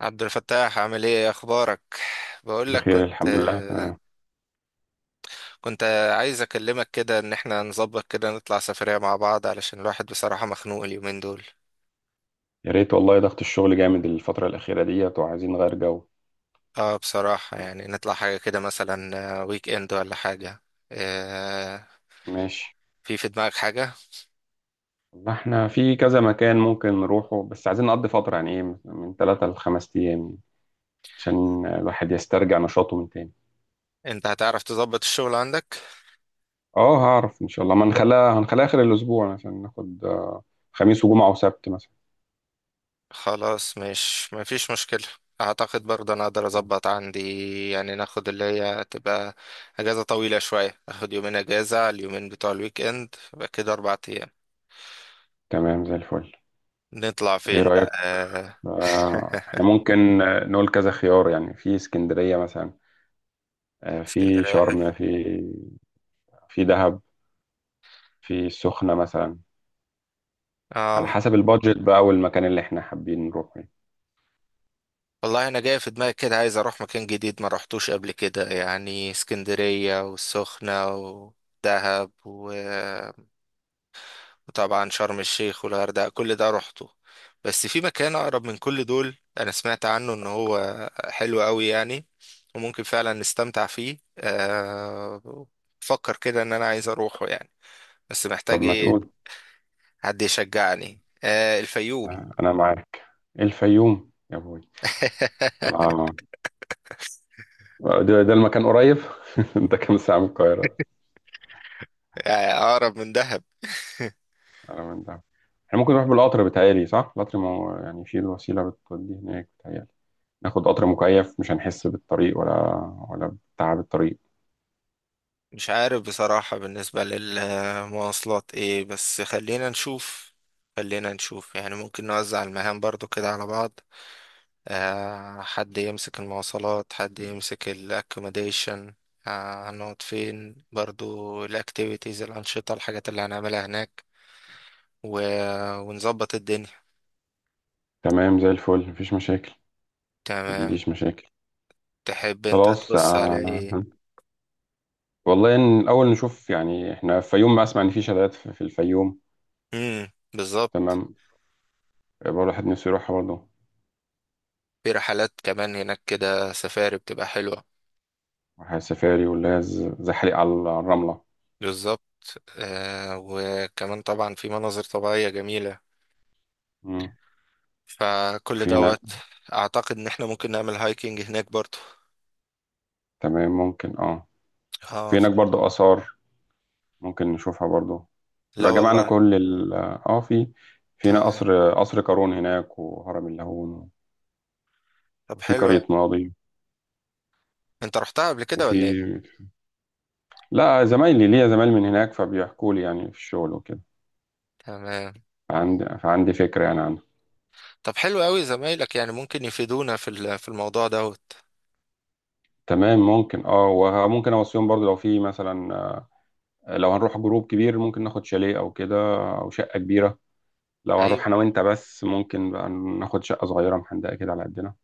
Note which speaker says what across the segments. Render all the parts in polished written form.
Speaker 1: عبد الفتاح، عامل ايه؟ إيه اخبارك؟ بقول لك
Speaker 2: بخير،
Speaker 1: كنت
Speaker 2: الحمد لله، تمام.
Speaker 1: كنت عايز اكلمك كده، ان احنا نظبط كده نطلع سفرية مع بعض علشان الواحد بصراحة مخنوق اليومين دول.
Speaker 2: يا ريت والله، ضغط الشغل جامد الفترة الأخيرة ديت وعايزين نغير جو.
Speaker 1: اه بصراحة يعني، نطلع حاجة كده مثلا، ويك اند ولا حاجة. آه،
Speaker 2: ماشي.
Speaker 1: في في دماغك حاجة؟
Speaker 2: ما احنا في كذا مكان ممكن نروحه، بس عايزين نقضي فترة يعني ايه، من ثلاثة لخمس أيام يعني، عشان الواحد يسترجع نشاطه من تاني.
Speaker 1: انت هتعرف تظبط الشغل عندك؟
Speaker 2: اه، هعرف إن شاء الله. ما هنخليها آخر الأسبوع عشان ناخد خميس وجمعة وسبت مثلا.
Speaker 1: خلاص، مش ما فيش مشكلة. اعتقد برضه انا اقدر
Speaker 2: آه،
Speaker 1: اظبط عندي، يعني ناخد اللي هي تبقى اجازة طويلة شوية، اخد يومين اجازة على اليومين بتوع الويك اند، يبقى كده اربع ايام.
Speaker 2: تمام زي الفل.
Speaker 1: نطلع
Speaker 2: ايه
Speaker 1: فين بقى؟
Speaker 2: رأيك؟ احنا ممكن نقول كذا خيار، يعني في اسكندرية مثلا، في
Speaker 1: اسكندرية حلو.
Speaker 2: شرم، في دهب، في السخنة مثلا. على
Speaker 1: اه
Speaker 2: حسب البادجت بقى والمكان اللي احنا حابين نروحه يعني.
Speaker 1: والله انا جاي في دماغي كده، عايز اروح مكان جديد ما رحتوش قبل كده، يعني اسكندرية والسخنة ودهب وطبعا شرم الشيخ والغردقة كل ده روحته. بس في مكان أقرب من كل دول أنا سمعت عنه إن هو حلو أوي يعني، وممكن فعلا نستمتع فيه. بفكر كده إن أنا عايز أروحه يعني. بس
Speaker 2: طب
Speaker 1: محتاج
Speaker 2: ما
Speaker 1: إيه،
Speaker 2: تقول.
Speaker 1: حد يشجعني. الفيوم.
Speaker 2: أنا معاك، الفيوم يا بوي. آه، ده المكان قريب. ده كام ساعة من القاهرة؟
Speaker 1: يعني أقرب من دهب.
Speaker 2: على من ده؟ احنا ممكن نروح بالقطر، بتهيألي صح؟ القطر ما هو يعني في الوسيلة بتودي هناك بتهيألي. ناخد قطر مكيف مش هنحس بالطريق، ولا بتعب الطريق.
Speaker 1: مش عارف بصراحة بالنسبة للمواصلات إيه، بس خلينا نشوف. خلينا نشوف يعني، ممكن نوزع المهام برضو كده على بعض. حد يمسك المواصلات، حد يمسك الاكوموديشن. هنقعد فين برضو؟ الاكتيفيتيز، الانشطه، الحاجات اللي هنعملها هناك، و... ونظبط الدنيا.
Speaker 2: تمام زي الفل، مفيش مشاكل، ما
Speaker 1: تمام.
Speaker 2: عنديش مشاكل.
Speaker 1: تحب انت
Speaker 2: خلاص
Speaker 1: تبص
Speaker 2: آه.
Speaker 1: على ايه؟
Speaker 2: والله إن الأول نشوف يعني، احنا في الفيوم، ما أسمع إن في شلالات في الفيوم.
Speaker 1: امم، بالظبط.
Speaker 2: تمام، يبقى الواحد نفسه يروحها برضه.
Speaker 1: في رحلات كمان هناك كده، سفاري بتبقى حلوه.
Speaker 2: واحد سفاري، واللي هي زحليق على الرملة.
Speaker 1: بالظبط. آه، وكمان طبعا في مناظر طبيعيه جميله.
Speaker 2: مم.
Speaker 1: فكل
Speaker 2: وفي هناك.
Speaker 1: دوت، اعتقد ان احنا ممكن نعمل هايكنج هناك برضو.
Speaker 2: تمام، ممكن اه.
Speaker 1: اه
Speaker 2: في هناك برضه آثار، ممكن نشوفها برضه.
Speaker 1: لا
Speaker 2: يبقى جمعنا
Speaker 1: والله.
Speaker 2: كل ال اه، في في هنا
Speaker 1: تمام.
Speaker 2: قصر قارون هناك، وهرم اللاهون،
Speaker 1: طب
Speaker 2: وفي
Speaker 1: حلو أوي.
Speaker 2: قرية ماضي،
Speaker 1: انت رحتها قبل كده
Speaker 2: وفي،
Speaker 1: ولا ايه؟
Speaker 2: لا زمايلي، ليا زمايل من هناك فبيحكوا لي يعني في الشغل وكده.
Speaker 1: تمام.
Speaker 2: فعندي فكرة يعني عنها.
Speaker 1: طب حلو قوي، زمايلك يعني ممكن يفيدونا في في الموضوع دوت.
Speaker 2: تمام، ممكن اه، وممكن اوصيهم برضه. لو في مثلا لو هنروح جروب كبير، ممكن ناخد شاليه او كده، او شقه كبيره. لو
Speaker 1: ايوه،
Speaker 2: هنروح انا وانت بس، ممكن بقى ناخد شقه صغيره محندقه كده على قدنا.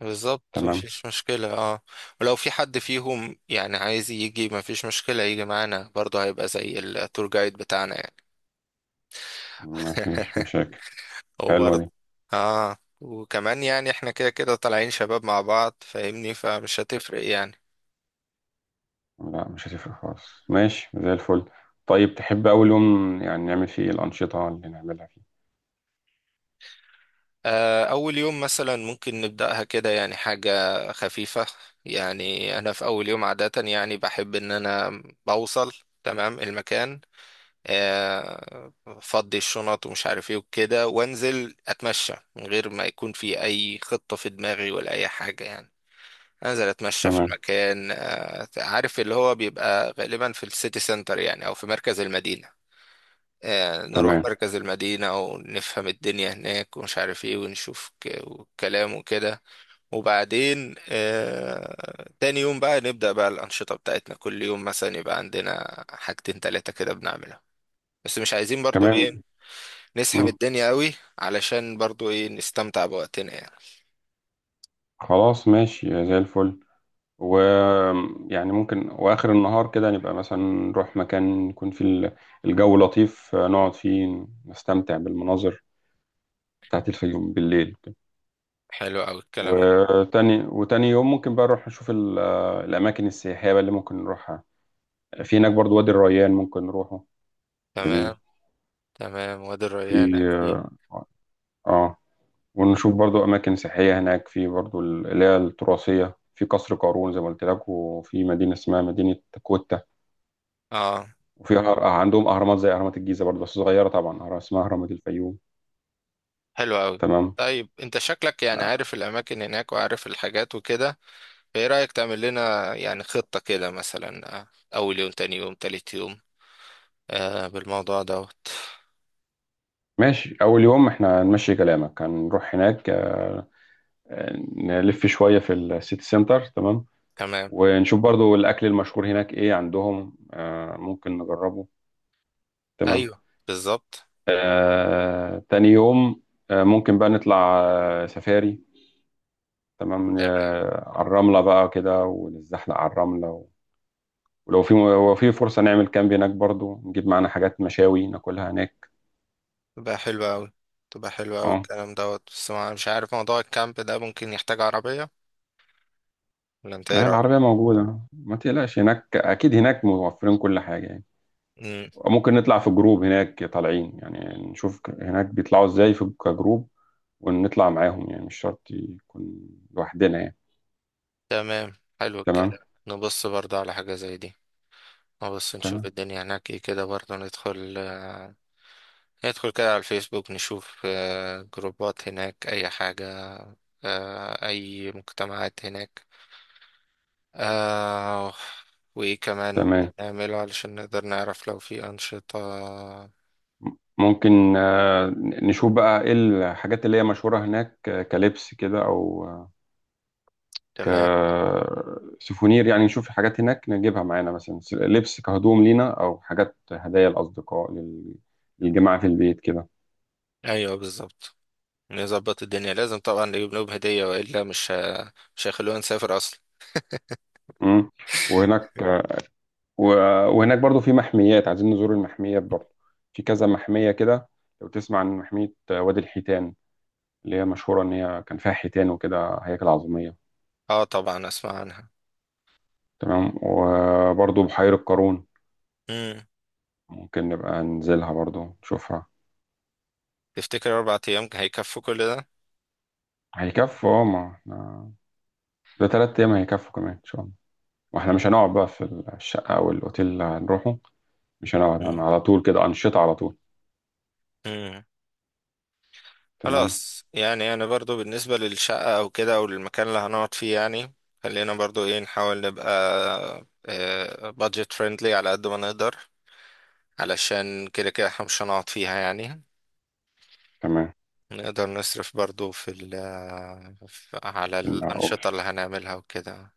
Speaker 1: بالظبط
Speaker 2: تمام،
Speaker 1: مفيش مشكلة. اه، ولو في حد فيهم يعني عايز يجي مفيش مشكلة، يجي معانا برضه، هيبقى زي التور جايد بتاعنا يعني.
Speaker 2: مفيش مشاكل.
Speaker 1: هو
Speaker 2: حلوه
Speaker 1: برضه
Speaker 2: دي.
Speaker 1: اه. وكمان يعني احنا كده كده طالعين شباب مع بعض، فاهمني، فمش هتفرق يعني.
Speaker 2: لا، مش هتفرق خالص، ماشي زي الفل. طيب تحب اول يوم يعني نعمل فيه إيه؟ الانشطه اللي نعملها فيه.
Speaker 1: أول يوم مثلا ممكن نبدأها كده يعني حاجة خفيفة. يعني أنا في أول يوم عادة يعني بحب إن أنا بوصل تمام المكان، آه، فضي الشنط ومش عارف إيه وكده، وأنزل أتمشى من غير ما يكون في أي خطة في دماغي ولا أي حاجة يعني. أنزل أتمشى في
Speaker 2: تمام.
Speaker 1: المكان. عارف اللي هو بيبقى غالبا في السيتي سنتر، يعني أو في مركز المدينة. نروح
Speaker 2: تمام.
Speaker 1: مركز المدينة ونفهم الدنيا هناك ومش عارف ايه، ونشوف كلام وكده. وبعدين تاني يوم بقى نبدأ بقى الأنشطة بتاعتنا. كل يوم مثلا يبقى عندنا حاجتين تلاتة كده بنعملها، بس مش عايزين برضو
Speaker 2: تمام.
Speaker 1: ايه نسحم
Speaker 2: مم.
Speaker 1: الدنيا قوي، علشان برضو ايه نستمتع بوقتنا يعني.
Speaker 2: خلاص ماشي زي الفل. و، يعني ممكن واخر النهار كده، نبقى مثلا نروح مكان يكون فيه الجو لطيف، نقعد فيه نستمتع بالمناظر بتاعت الفيوم بالليل.
Speaker 1: حلو قوي الكلام ده.
Speaker 2: وتاني يوم ممكن بقى نروح نشوف الأماكن السياحية بقى اللي ممكن نروحها في هناك. برضو وادي الريان ممكن نروحه.
Speaker 1: تمام.
Speaker 2: جميل.
Speaker 1: تمام، وادي الريان
Speaker 2: في
Speaker 1: أكيد.
Speaker 2: اه، آه، ونشوف برضو أماكن سياحية هناك، في برضو اللي هي التراثية، في قصر قارون زي ما قلت لك، وفي مدينة اسمها مدينة كوتا،
Speaker 1: اه،
Speaker 2: وفي أهر... آه، عندهم أهرامات زي أهرامات الجيزة برضو، بس صغيرة طبعا، أهرام اسمها أهرامات الفيوم.
Speaker 1: حلو قوي.
Speaker 2: تمام.
Speaker 1: طيب انت شكلك يعني عارف الأماكن هناك وعارف الحاجات وكده. ايه رأيك تعمل لنا يعني خطة كده، مثلا اول يوم، تاني يوم، تالت يوم، آه بالموضوع دوت.
Speaker 2: ماشي، أول يوم احنا نمشي كلامك، هنروح هناك نلف شوية في السيتي سنتر. تمام.
Speaker 1: تمام.
Speaker 2: ونشوف برضو الأكل المشهور هناك إيه عندهم، ممكن نجربه. تمام.
Speaker 1: ايوه بالظبط.
Speaker 2: تاني يوم ممكن بقى نطلع سفاري. تمام،
Speaker 1: تمام.
Speaker 2: على الرملة بقى كده، ونتزحلق على الرملة و-، ولو في لو في فرصة نعمل كامب هناك برضو، نجيب معانا حاجات مشاوي ناكلها هناك.
Speaker 1: تبقى حلوة اوي. تبقى حلوة اوي
Speaker 2: اه
Speaker 1: الكلام دوت، بس ما مش عارف موضوع الكامب ده ممكن يحتاج عربية، ولا انت ايه رأيك؟
Speaker 2: العربية موجودة، ما تقلقش، هناك أكيد هناك موفرين كل حاجة يعني.
Speaker 1: امم.
Speaker 2: ممكن نطلع في جروب هناك طالعين، يعني نشوف هناك بيطلعوا ازاي في كجروب، ونطلع معاهم، يعني مش شرط يكون لوحدنا يعني.
Speaker 1: تمام، حلو
Speaker 2: تمام.
Speaker 1: الكلام، نبص برضه على حاجة زي دي. نبص نشوف
Speaker 2: تمام.
Speaker 1: الدنيا هناك ايه كده برضه، ندخل كده على الفيسبوك، نشوف جروبات هناك اي حاجة، اي مجتمعات هناك. آه، وإيه كمان ممكن
Speaker 2: تمام.
Speaker 1: نعمله علشان نقدر نعرف لو في أنشطة.
Speaker 2: م- ممكن نشوف بقى ايه الحاجات اللي هي مشهورة هناك، كلبس كده، او
Speaker 1: تمام.
Speaker 2: كسوفونير، يعني نشوف حاجات هناك نجيبها معانا، مثلا لبس كهدوم لينا، او حاجات هدايا الأصدقاء للجماعة في البيت كده.
Speaker 1: أيوه، بالظبط. نظبط الدنيا. لازم طبعا نجيب لهم هدية وإلا مش مش هيخلونا نسافر أصلا.
Speaker 2: مم. وهناك و-، وهناك برضو في محميات، عايزين نزور المحميات برضو، في كذا محمية كده. لو تسمع عن محمية وادي الحيتان، اللي هي مشهورة إن هي كان فيها حيتان وكده، هياكل عظمية.
Speaker 1: اه طبعا أسمع عنها.
Speaker 2: تمام. وبرضو بحيرة قارون
Speaker 1: مم.
Speaker 2: ممكن نبقى ننزلها برضو نشوفها.
Speaker 1: تفتكر أربع أيام هيكفوا كل ده؟
Speaker 2: هيكفوا اه، ما احنا ده تلات أيام هيكفوا كمان إن شاء الله. واحنا مش هنقعد بقى في الشقة أو الأوتيل اللي هنروحه، مش هنقعد
Speaker 1: مم.
Speaker 2: على طول كده، أنشطة على طول.
Speaker 1: مم.
Speaker 2: تمام.
Speaker 1: خلاص، يعني أنا برضو بالنسبة للشقة أو كده أو المكان اللي هنقعد فيه يعني، خلينا برضو إيه نحاول نبقى بادجت فريندلي على قد ما نقدر، علشان كده كده احنا مش هنقعد فيها يعني.
Speaker 2: تمام.
Speaker 1: نقدر نصرف برضو في ال على
Speaker 2: المعقول.
Speaker 1: الأنشطة اللي هنعملها وكده.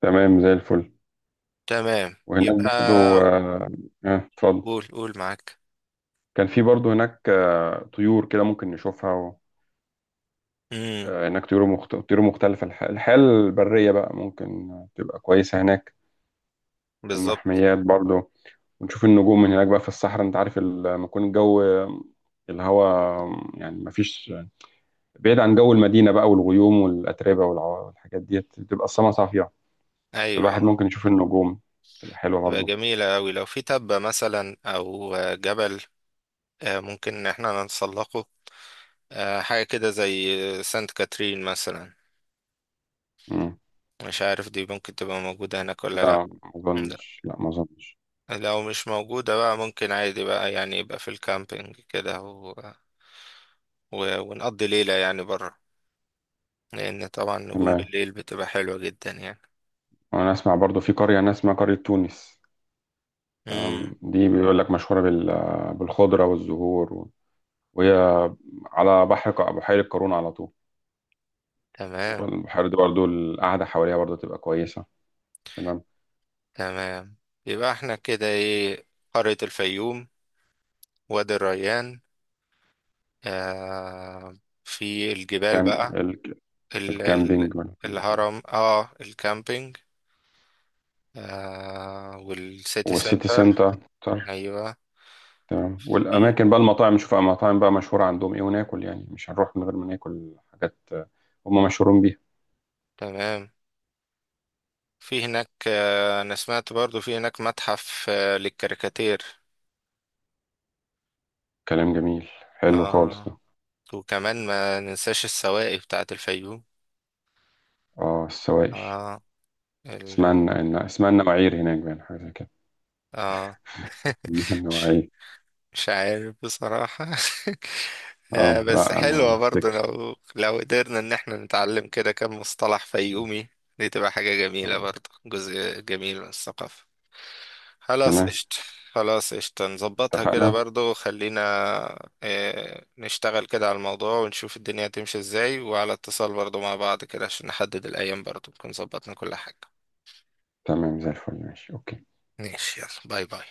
Speaker 2: تمام زي الفل.
Speaker 1: تمام
Speaker 2: وهناك
Speaker 1: يبقى.
Speaker 2: برضو اه، اتفضل.
Speaker 1: قول قول معاك.
Speaker 2: كان في برضه هناك طيور كده ممكن نشوفها و...
Speaker 1: امم،
Speaker 2: هناك طيور طيور مختلفة، الحياة البرية بقى ممكن تبقى كويسة هناك.
Speaker 1: بالظبط.
Speaker 2: والمحميات برضه. ونشوف النجوم من هناك بقى في الصحراء، انت عارف لما يكون الجو، الهواء يعني مفيش، بعيد عن جو المدينة بقى والغيوم والأتربة والحاجات ديت، بتبقى السما صافية،
Speaker 1: ايوه
Speaker 2: الواحد
Speaker 1: آه.
Speaker 2: ممكن يشوف النجوم، تبقى حلوة
Speaker 1: تبقى
Speaker 2: برضه.
Speaker 1: جميلة أوي لو في تبة مثلا أو جبل. ممكن إن احنا نتسلقه. حاجة كده زي سانت كاترين مثلا.
Speaker 2: مم.
Speaker 1: مش عارف دي ممكن تبقى موجودة هناك ولا. لأ.
Speaker 2: لا ما أظنش، لا ما أظنش.
Speaker 1: لو مش موجودة بقى ممكن عادي بقى يعني، يبقى في الكامبينج كده ونقضي ليلة يعني برا، لأن طبعا نجوم
Speaker 2: تمام.
Speaker 1: بالليل بتبقى حلوة جدا يعني.
Speaker 2: وأنا أسمع برضه في قرية، أنا أسمع قرية تونس.
Speaker 1: مم.
Speaker 2: تمام، دي بيقول لك مشهورة بالخضرة والزهور و-، وهي على بحر بحيرة قارون على طول.
Speaker 1: تمام.
Speaker 2: فالبحيرة دي برضو القعدة حواليها برضو تبقى كويسة. تمام.
Speaker 1: تمام يبقى احنا كده ايه: قرية الفيوم، وادي الريان، آه في الجبال
Speaker 2: كام
Speaker 1: بقى، ال... ال...
Speaker 2: الكامبينج والحاجات يعني.
Speaker 1: الهرم، اه الكامبينج، والسيتي
Speaker 2: والسيتي
Speaker 1: سنتر.
Speaker 2: سنتر، سنتر،
Speaker 1: ايوه.
Speaker 2: تمام.
Speaker 1: في
Speaker 2: والأماكن بقى، المطاعم، نشوف المطاعم بقى مشهورة عندهم إيه وناكل، يعني مش هنروح من غير ما ناكل حاجات هم مشهورين بيها.
Speaker 1: تمام. في هناك انا سمعت برضو في هناك متحف للكاريكاتير.
Speaker 2: كلام جميل. حلو خالص
Speaker 1: آه،
Speaker 2: ده.
Speaker 1: وكمان ما ننساش السواقي بتاعة الفيوم.
Speaker 2: اه السواقش،
Speaker 1: آه
Speaker 2: اسمها
Speaker 1: ال...
Speaker 2: اسمها النواعير هناك بقى، حاجة زي كده.
Speaker 1: آه مش
Speaker 2: النواعير.
Speaker 1: مش عارف بصراحة. آه،
Speaker 2: اه
Speaker 1: بس
Speaker 2: لا انا
Speaker 1: حلوة برضو
Speaker 2: افتكر.
Speaker 1: لو قدرنا ان احنا نتعلم كده كم مصطلح فيومي، دي تبقى حاجة جميلة
Speaker 2: آه.
Speaker 1: برضو، جزء جميل من الثقافة. خلاص،
Speaker 2: تمام.
Speaker 1: قشطة. خلاص قشطة، نظبطها كده
Speaker 2: اتفقنا.
Speaker 1: برضو. خلينا اه نشتغل كده على الموضوع، ونشوف الدنيا هتمشي ازاي، وعلى اتصال برضو مع بعض كده عشان نحدد الأيام برضو نكون ظبطنا كل حاجة.
Speaker 2: تمام زي الفل، ماشي، اوكي.
Speaker 1: ماشي. يلا باي باي.